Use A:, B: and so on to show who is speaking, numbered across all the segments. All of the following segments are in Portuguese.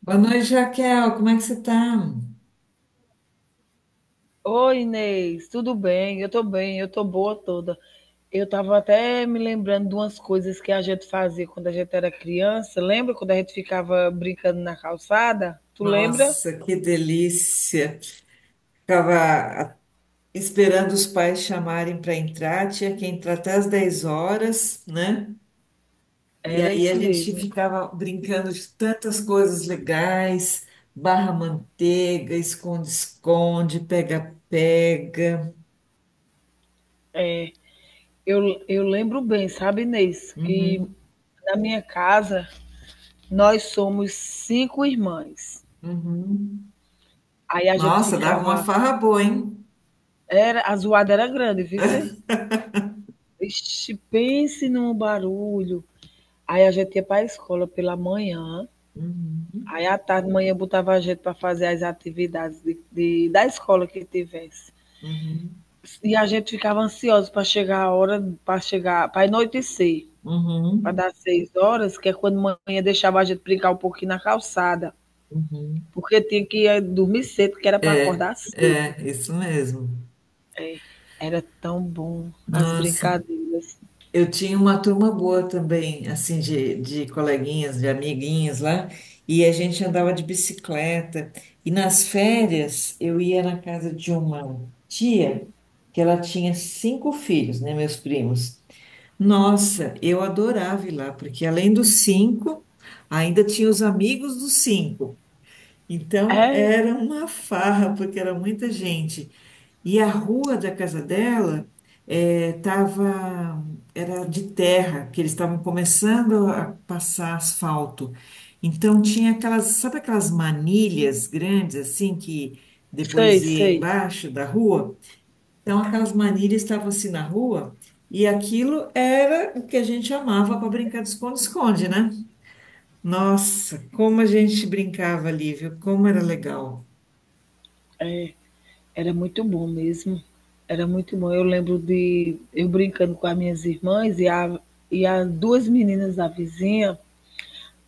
A: Boa noite, Raquel. Como é que você tá?
B: Oi, Inês, tudo bem? Eu tô bem, eu tô boa toda. Eu tava até me lembrando de umas coisas que a gente fazia quando a gente era criança. Lembra quando a gente ficava brincando na calçada? Tu lembra?
A: Nossa, que delícia. Ficava a- esperando os pais chamarem para entrar, tinha que entrar até às 10 horas, né? E
B: Era
A: aí
B: isso
A: a gente
B: mesmo.
A: ficava brincando de tantas coisas legais, barra manteiga, esconde-esconde, pega-pega.
B: É. Eu lembro bem, sabe, Inês, que
A: Uhum,
B: na minha casa nós somos 5 irmãs.
A: uhum.
B: Aí a gente
A: Nossa, dava uma
B: ficava.
A: farra boa, hein?
B: Era, a zoada era grande, viu? Cê? Ixi, pense num barulho. Aí a gente ia para a escola pela manhã.
A: Uhum,
B: Aí à tarde, manhã, eu botava a gente para fazer as atividades da escola que tivesse.
A: uhum,
B: E a gente ficava ansioso para chegar a hora, para chegar, para anoitecer, para
A: uhum,
B: dar 6 horas, que é quando manhã deixava a gente brincar um pouquinho na calçada,
A: uhum.
B: porque tinha que dormir cedo, que era para
A: É,
B: acordar cedo.
A: é, isso mesmo.
B: Era tão bom as
A: Nossa,
B: brincadeiras.
A: eu tinha uma turma boa também, assim, de coleguinhas, de amiguinhas lá, e a gente andava de bicicleta. E nas férias, eu ia na casa de uma tia, que ela tinha cinco filhos, né, meus primos. Nossa, eu adorava ir lá, porque além dos cinco, ainda tinha os amigos dos cinco. Então,
B: É,
A: era uma farra, porque era muita gente. E a rua da casa dela tava, era de terra, que eles estavam começando a passar asfalto. Então tinha aquelas, sabe aquelas manilhas grandes assim que depois
B: sei,
A: ia
B: sei.
A: embaixo da rua? Então aquelas manilhas estavam assim na rua e aquilo era o que a gente amava para brincar de esconde-esconde, né? Nossa, como a gente brincava ali, viu? Como era legal.
B: Era muito bom mesmo. Era muito bom. Eu lembro de eu brincando com as minhas irmãs e, a, e as duas meninas da vizinha.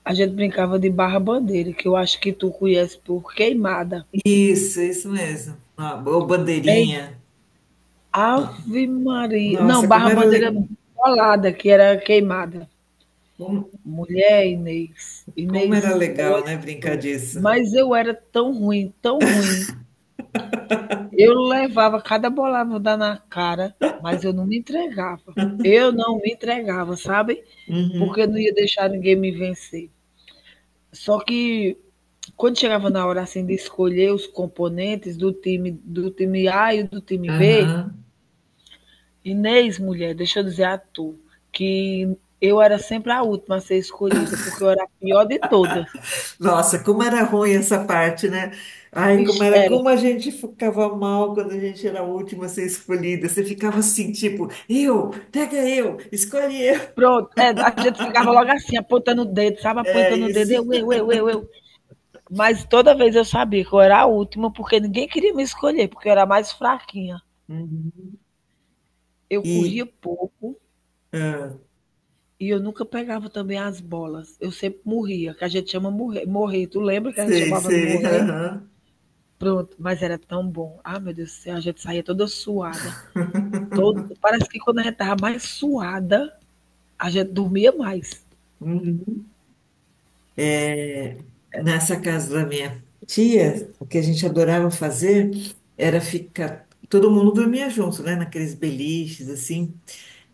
B: A gente brincava de barra-bandeira, que eu acho que tu conhece por queimada.
A: Isso mesmo. Ó, ou
B: Ei,
A: bandeirinha.
B: ave Maria. Não,
A: Nossa,
B: barra-bandeira, bolada, que era queimada.
A: como,
B: Mulher, Inês.
A: como era
B: Inês,
A: legal,
B: olha
A: né, brincar
B: só.
A: disso.
B: Mas eu era tão ruim, tão ruim. Eu levava cada bolada na cara, mas eu não me entregava. Eu não me entregava, sabe? Porque eu não
A: Uhum.
B: ia deixar ninguém me vencer. Só que quando chegava na hora assim de escolher os componentes do time A e do time B,
A: Aham.
B: Inês, mulher, deixa eu dizer a tu, que eu era sempre a última a ser escolhida, porque eu era a pior de todas.
A: Nossa, como era ruim essa parte, né? Ai, como
B: Ixi,
A: era,
B: era.
A: como a gente ficava mal quando a gente era a última a ser escolhida. Você ficava assim, tipo, eu, pega eu, escolhe eu.
B: Pronto, é, a gente ficava logo assim, apontando o dedo, sabe?
A: É
B: Apontando o dedo,
A: isso.
B: eu. Mas toda vez eu sabia que eu era a última, porque ninguém queria me escolher, porque eu era mais fraquinha.
A: Uhum.
B: Eu
A: E,
B: corria pouco.
A: ah,
B: E eu nunca pegava também as bolas, eu sempre morria, que a gente chama morrer. Tu lembra que a gente
A: Sei,
B: chamava de
A: sei,
B: morrer?
A: aham.
B: Pronto, mas era tão bom. Ah, meu Deus do céu, a gente saía toda suada, todo parece que quando a gente estava mais suada, a gente dormia mais.
A: Uhum. É, nessa casa da minha tia, o que a gente adorava fazer era ficar. Todo mundo dormia junto, né? Naqueles beliches, assim.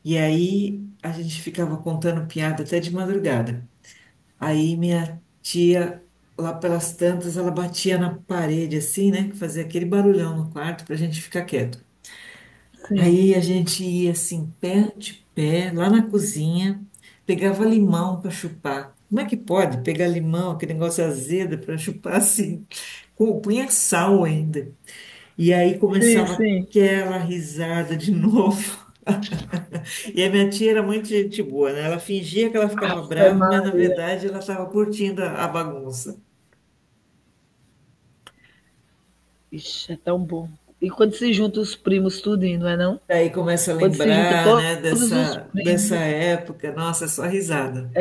A: E aí a gente ficava contando piada até de madrugada. Aí minha tia, lá pelas tantas, ela batia na parede, assim, né? Que fazia aquele barulhão no quarto pra gente ficar quieto.
B: Sim,
A: Aí a gente ia assim, pé de pé, lá na cozinha, pegava limão para chupar. Como é que pode pegar limão, aquele negócio azedo, para chupar assim? Com, punha sal ainda. E aí
B: sim,
A: começava
B: sim.
A: aquela risada de novo. E a minha tia era muito gente boa, né? Ela fingia que ela ficava brava,
B: Ave-ma,
A: mas na verdade ela estava curtindo a bagunça.
B: ixi, é tão bom. E quando se junta os primos tudinho, não é não?
A: Daí começa a
B: Quando se junta
A: lembrar,
B: to-
A: né,
B: todos os
A: dessa
B: primos,
A: época, nossa, é só risada.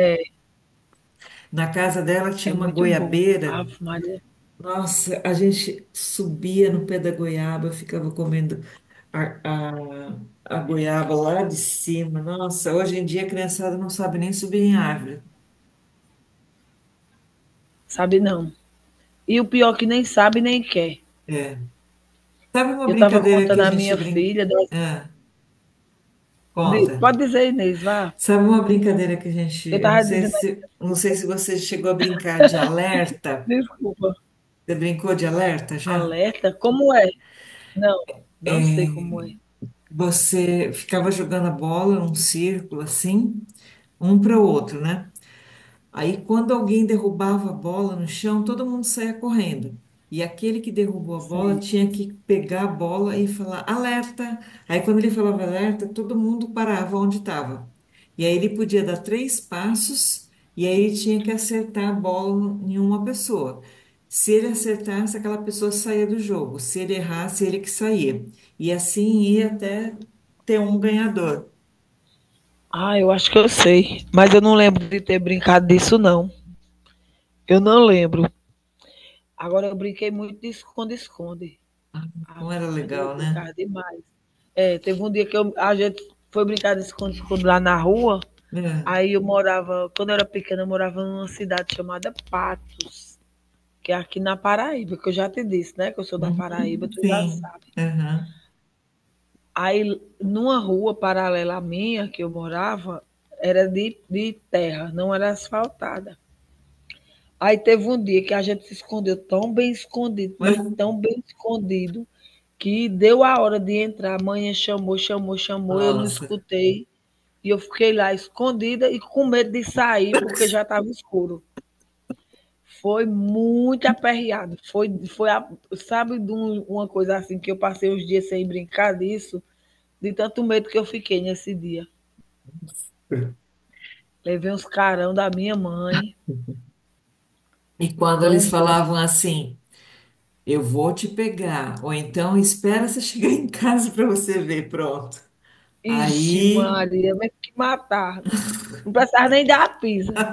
A: Na casa dela
B: é
A: tinha uma
B: muito bom.
A: goiabeira.
B: Ave Maria,
A: Nossa, a gente subia no pé da goiaba, ficava comendo a goiaba lá de cima. Nossa, hoje em dia a criançada não sabe nem subir em árvore.
B: sabe não. E o pior é que nem sabe nem quer.
A: É. Sabe uma
B: Eu estava
A: brincadeira que
B: contando
A: a
B: a
A: gente
B: minha
A: brinca?
B: filha,
A: Ah, conta.
B: pode dizer, Inês, vá.
A: Sabe uma brincadeira que a gente.
B: Eu
A: Eu não
B: estava
A: sei
B: dizendo,
A: se, não sei se você chegou a brincar de alerta.
B: desculpa,
A: Você brincou de alerta já?
B: alerta? Como é? Não, não sei
A: É,
B: como é.
A: você ficava jogando a bola num círculo assim, um para o outro, né? Aí, quando alguém derrubava a bola no chão, todo mundo saía correndo. E aquele que derrubou a bola
B: Sim.
A: tinha que pegar a bola e falar alerta. Aí, quando ele falava alerta, todo mundo parava onde estava. E aí, ele podia dar 3 passos e aí ele tinha que acertar a bola em uma pessoa. Se ele acertasse, aquela pessoa saía do jogo. Se ele errasse, ele que saía. E assim ia até ter um ganhador.
B: Ah, eu acho que eu sei, mas eu não lembro de ter brincado disso, não. Eu não lembro. Agora, eu brinquei muito de esconde-esconde. Ah,
A: Como era
B: Maria, eu
A: legal, né?
B: brincava demais. É, teve um dia que a gente foi brincar de esconde-esconde lá na rua.
A: É.
B: Aí eu morava, quando eu era pequena, eu morava numa cidade chamada Patos. Que é aqui na Paraíba, que eu já te disse, né, que eu sou da Paraíba,
A: Uhum,
B: tu já
A: sim.
B: sabe.
A: Aham.
B: Aí numa rua paralela à minha que eu morava, era de terra, não era asfaltada. Aí teve um dia que a gente se escondeu tão bem escondido,
A: Mas,
B: mas tão bem escondido, que deu a hora de entrar. A mãe chamou, chamou, chamou, eu não
A: nossa.
B: escutei. E eu fiquei lá escondida e com medo de sair, porque já estava escuro. Foi muito aperreado. Sabe, uma coisa assim que eu passei os dias sem brincar disso, de tanto medo que eu fiquei nesse dia. Levei uns carão da minha mãe,
A: E quando eles
B: tão
A: falavam
B: grande.
A: assim, eu vou te pegar, ou então espera você chegar em casa para você ver, pronto.
B: Ixi,
A: Aí,
B: Maria, mas que matar. Não precisava nem dar a pisa.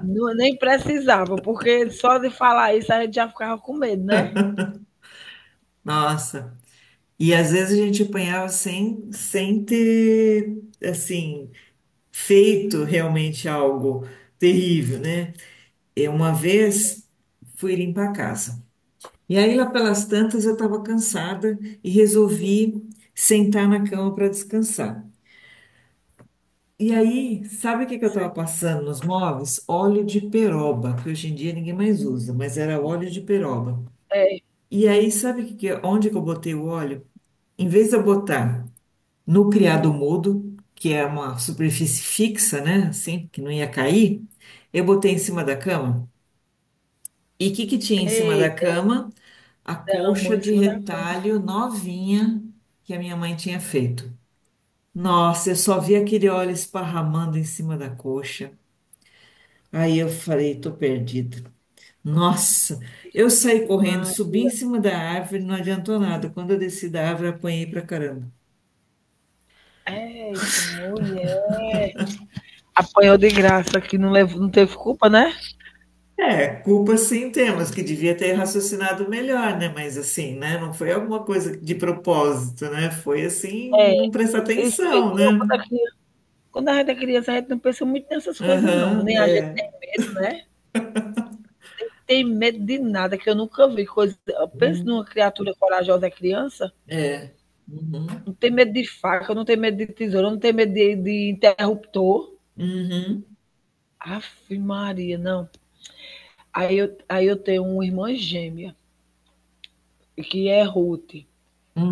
B: Não, nem precisava, porque só de falar isso a gente já ficava com medo, né?
A: nossa. E às vezes a gente apanhava sem ter, assim, feito realmente algo terrível, né? Eu uma vez fui limpar a casa. E aí, lá pelas tantas, eu estava cansada e resolvi sentar na cama para descansar. E aí, sabe o que que eu
B: Sim.
A: estava passando nos móveis? Óleo de peroba, que hoje em dia ninguém mais usa, mas era óleo de peroba.
B: É.
A: E aí, sabe que, onde que eu botei o óleo? Em vez de eu botar no criado mudo, que é uma superfície fixa, né? Assim, que não ia cair, eu botei em cima da cama. E o que que tinha em cima da
B: Eita,
A: cama? A
B: derramou
A: colcha
B: em
A: de
B: cima da cama.
A: retalho novinha que a minha mãe tinha feito. Nossa, eu só vi aquele óleo esparramando em cima da colcha. Aí eu falei, tô perdida. Nossa, eu saí correndo,
B: Mas,
A: subi em cima da árvore, não adiantou nada. Quando eu desci da árvore, apanhei pra caramba.
B: eita, mulher. Apanhou de graça, que não, levou, não teve culpa, né?
A: É, culpa sim temos, que devia ter raciocinado melhor, né? Mas assim, né? Não foi alguma coisa de propósito, né? Foi assim, não prestar
B: Isso mesmo.
A: atenção,
B: Não,
A: né?
B: quando, a criança, quando a gente é criança, a gente não pensa muito nessas coisas, não.
A: Aham,
B: Nem a gente,
A: é.
B: né? Tem medo de nada, que eu nunca vi. Coisa... Pensa
A: Hum.
B: numa criatura corajosa é criança.
A: É. Uhum.
B: Não tem medo de faca, não tem medo de tesoura, não tem medo de interruptor.
A: Uhum.
B: Aff, Maria, não. Aí eu tenho uma irmã gêmea, que é Ruth.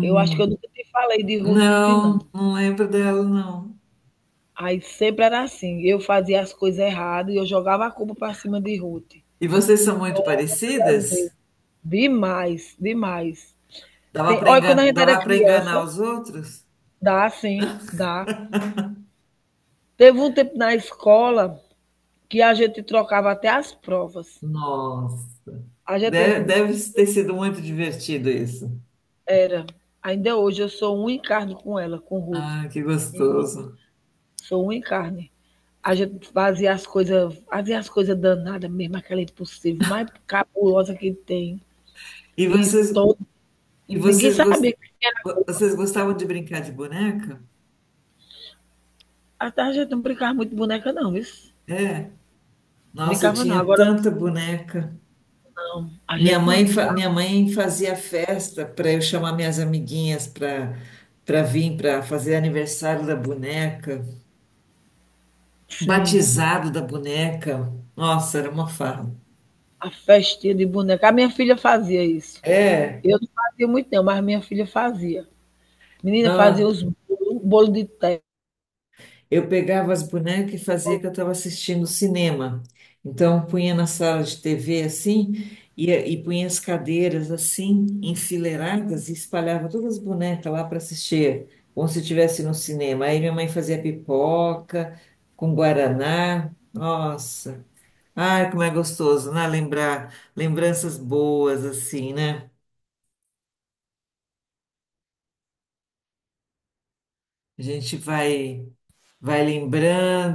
B: Eu acho que eu nunca te falei de Ruth, não.
A: Não, não lembro dela, não.
B: Aí sempre era assim, eu fazia as coisas erradas, e eu jogava a culpa para cima de Ruth,
A: E vocês são muito
B: todas as
A: parecidas?
B: vezes. Demais, demais. Tem olha, quando a gente era
A: Dava para enganar
B: criança,
A: os outros?
B: dá sim, dá. Teve um tempo na escola que a gente trocava até as provas.
A: Nossa,
B: A
A: deve,
B: gente
A: deve ter sido muito divertido isso.
B: era ainda hoje eu sou um em carne com ela, com Ruth,
A: Ah, que
B: minha irmã,
A: gostoso.
B: sou um em carne. A gente fazia as coisas danadas, mesmo, aquela impossível, mais cabulosa que tem.
A: E
B: E
A: vocês,
B: todo
A: e
B: ninguém
A: vocês, gos-
B: sabia.
A: vocês gostavam de brincar de boneca?
B: À tarde a gente não brincava muito de boneca, não, viu?
A: É. Nossa, eu
B: Brincava não,
A: tinha
B: agora
A: tanta boneca.
B: não. A
A: Minha
B: gente
A: mãe,
B: não.
A: minha mãe fazia festa para eu chamar minhas amiguinhas para para vir para fazer aniversário da boneca,
B: Sim,
A: batizado da boneca. Nossa, era uma farra.
B: a festinha de boneca. A minha filha fazia isso.
A: É,
B: Eu não fazia muito, não, mas minha filha fazia. Menina fazia
A: não.
B: os bolos, bolo de terra.
A: Eu pegava as bonecas e fazia que eu estava assistindo cinema. Então, punha na sala de TV assim, e punha as cadeiras assim, enfileiradas, e espalhava todas as bonecas lá para assistir, como se estivesse no cinema. Aí minha mãe fazia pipoca com guaraná. Nossa, ai, como é gostoso, né? Lembrar lembranças boas assim, né? A gente vai, vai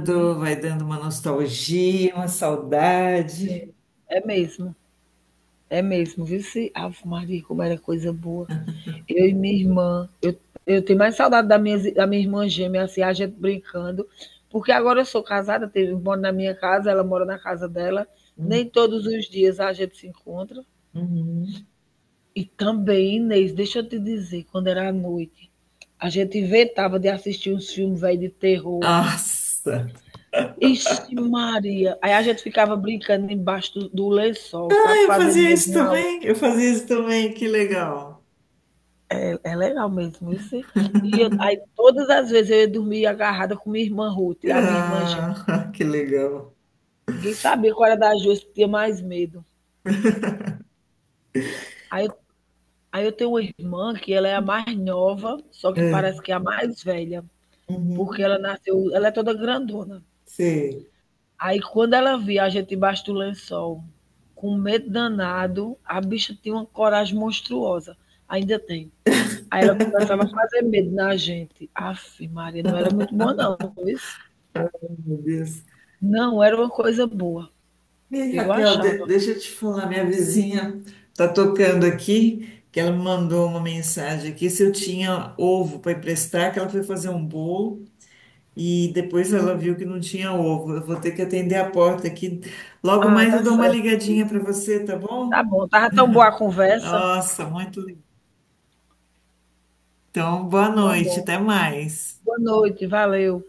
B: Sim,
A: vai dando uma nostalgia, uma
B: sim.
A: saudade.
B: É mesmo. É mesmo. Viu se. Ave Maria, como era coisa boa. Eu e minha irmã. Eu tenho mais saudade da minha irmã gêmea, assim, a gente brincando, porque agora eu sou casada, moro na minha casa, ela mora na casa dela, nem todos os dias a gente se encontra.
A: Uhum.
B: E também, Inês, deixa eu te dizer, quando era à noite, a gente inventava de assistir uns filmes velho de terror.
A: Nossa!
B: Ixi, Maria! Aí a gente ficava brincando embaixo do lençol,
A: Ah,
B: sabe?
A: eu
B: Fazendo
A: fazia
B: medo
A: isso
B: um ao outro.
A: também, eu fazia isso também, que legal.
B: É é legal mesmo, isso. E aí todas as vezes eu ia dormir agarrada com minha irmã Ruth, a minha irmã gêmea.
A: Ah, que legal.
B: Ninguém sabia qual era das duas que tinha mais medo. Aí, eu- aí eu tenho uma irmã que ela é a mais nova, só que
A: É.
B: parece que é a mais velha, porque
A: Uhum.
B: ela nasceu, ela é toda grandona.
A: Sei,
B: Aí quando ela via a gente embaixo do lençol, com um medo danado, a bicha tinha uma coragem monstruosa. Ainda tem. Aí ela começava a fazer medo na gente. Aff, Maria, não era muito boa não, isso.
A: meu Deus.
B: Não era uma coisa boa.
A: Ei,
B: Eu
A: Raquel,
B: achava.
A: deixa eu te falar, minha vizinha tá tocando aqui, que ela me mandou uma mensagem aqui se eu tinha ovo para emprestar, que ela foi fazer um bolo e depois ela viu que não tinha ovo. Eu vou ter que atender a porta aqui. Logo
B: Ah,
A: mais
B: tá
A: eu dou uma
B: certo.
A: ligadinha para você, tá
B: Tá
A: bom?
B: bom, tava tão boa a conversa.
A: Nossa, muito. Então, boa
B: Tá
A: noite,
B: bom.
A: até mais.
B: Boa noite, valeu.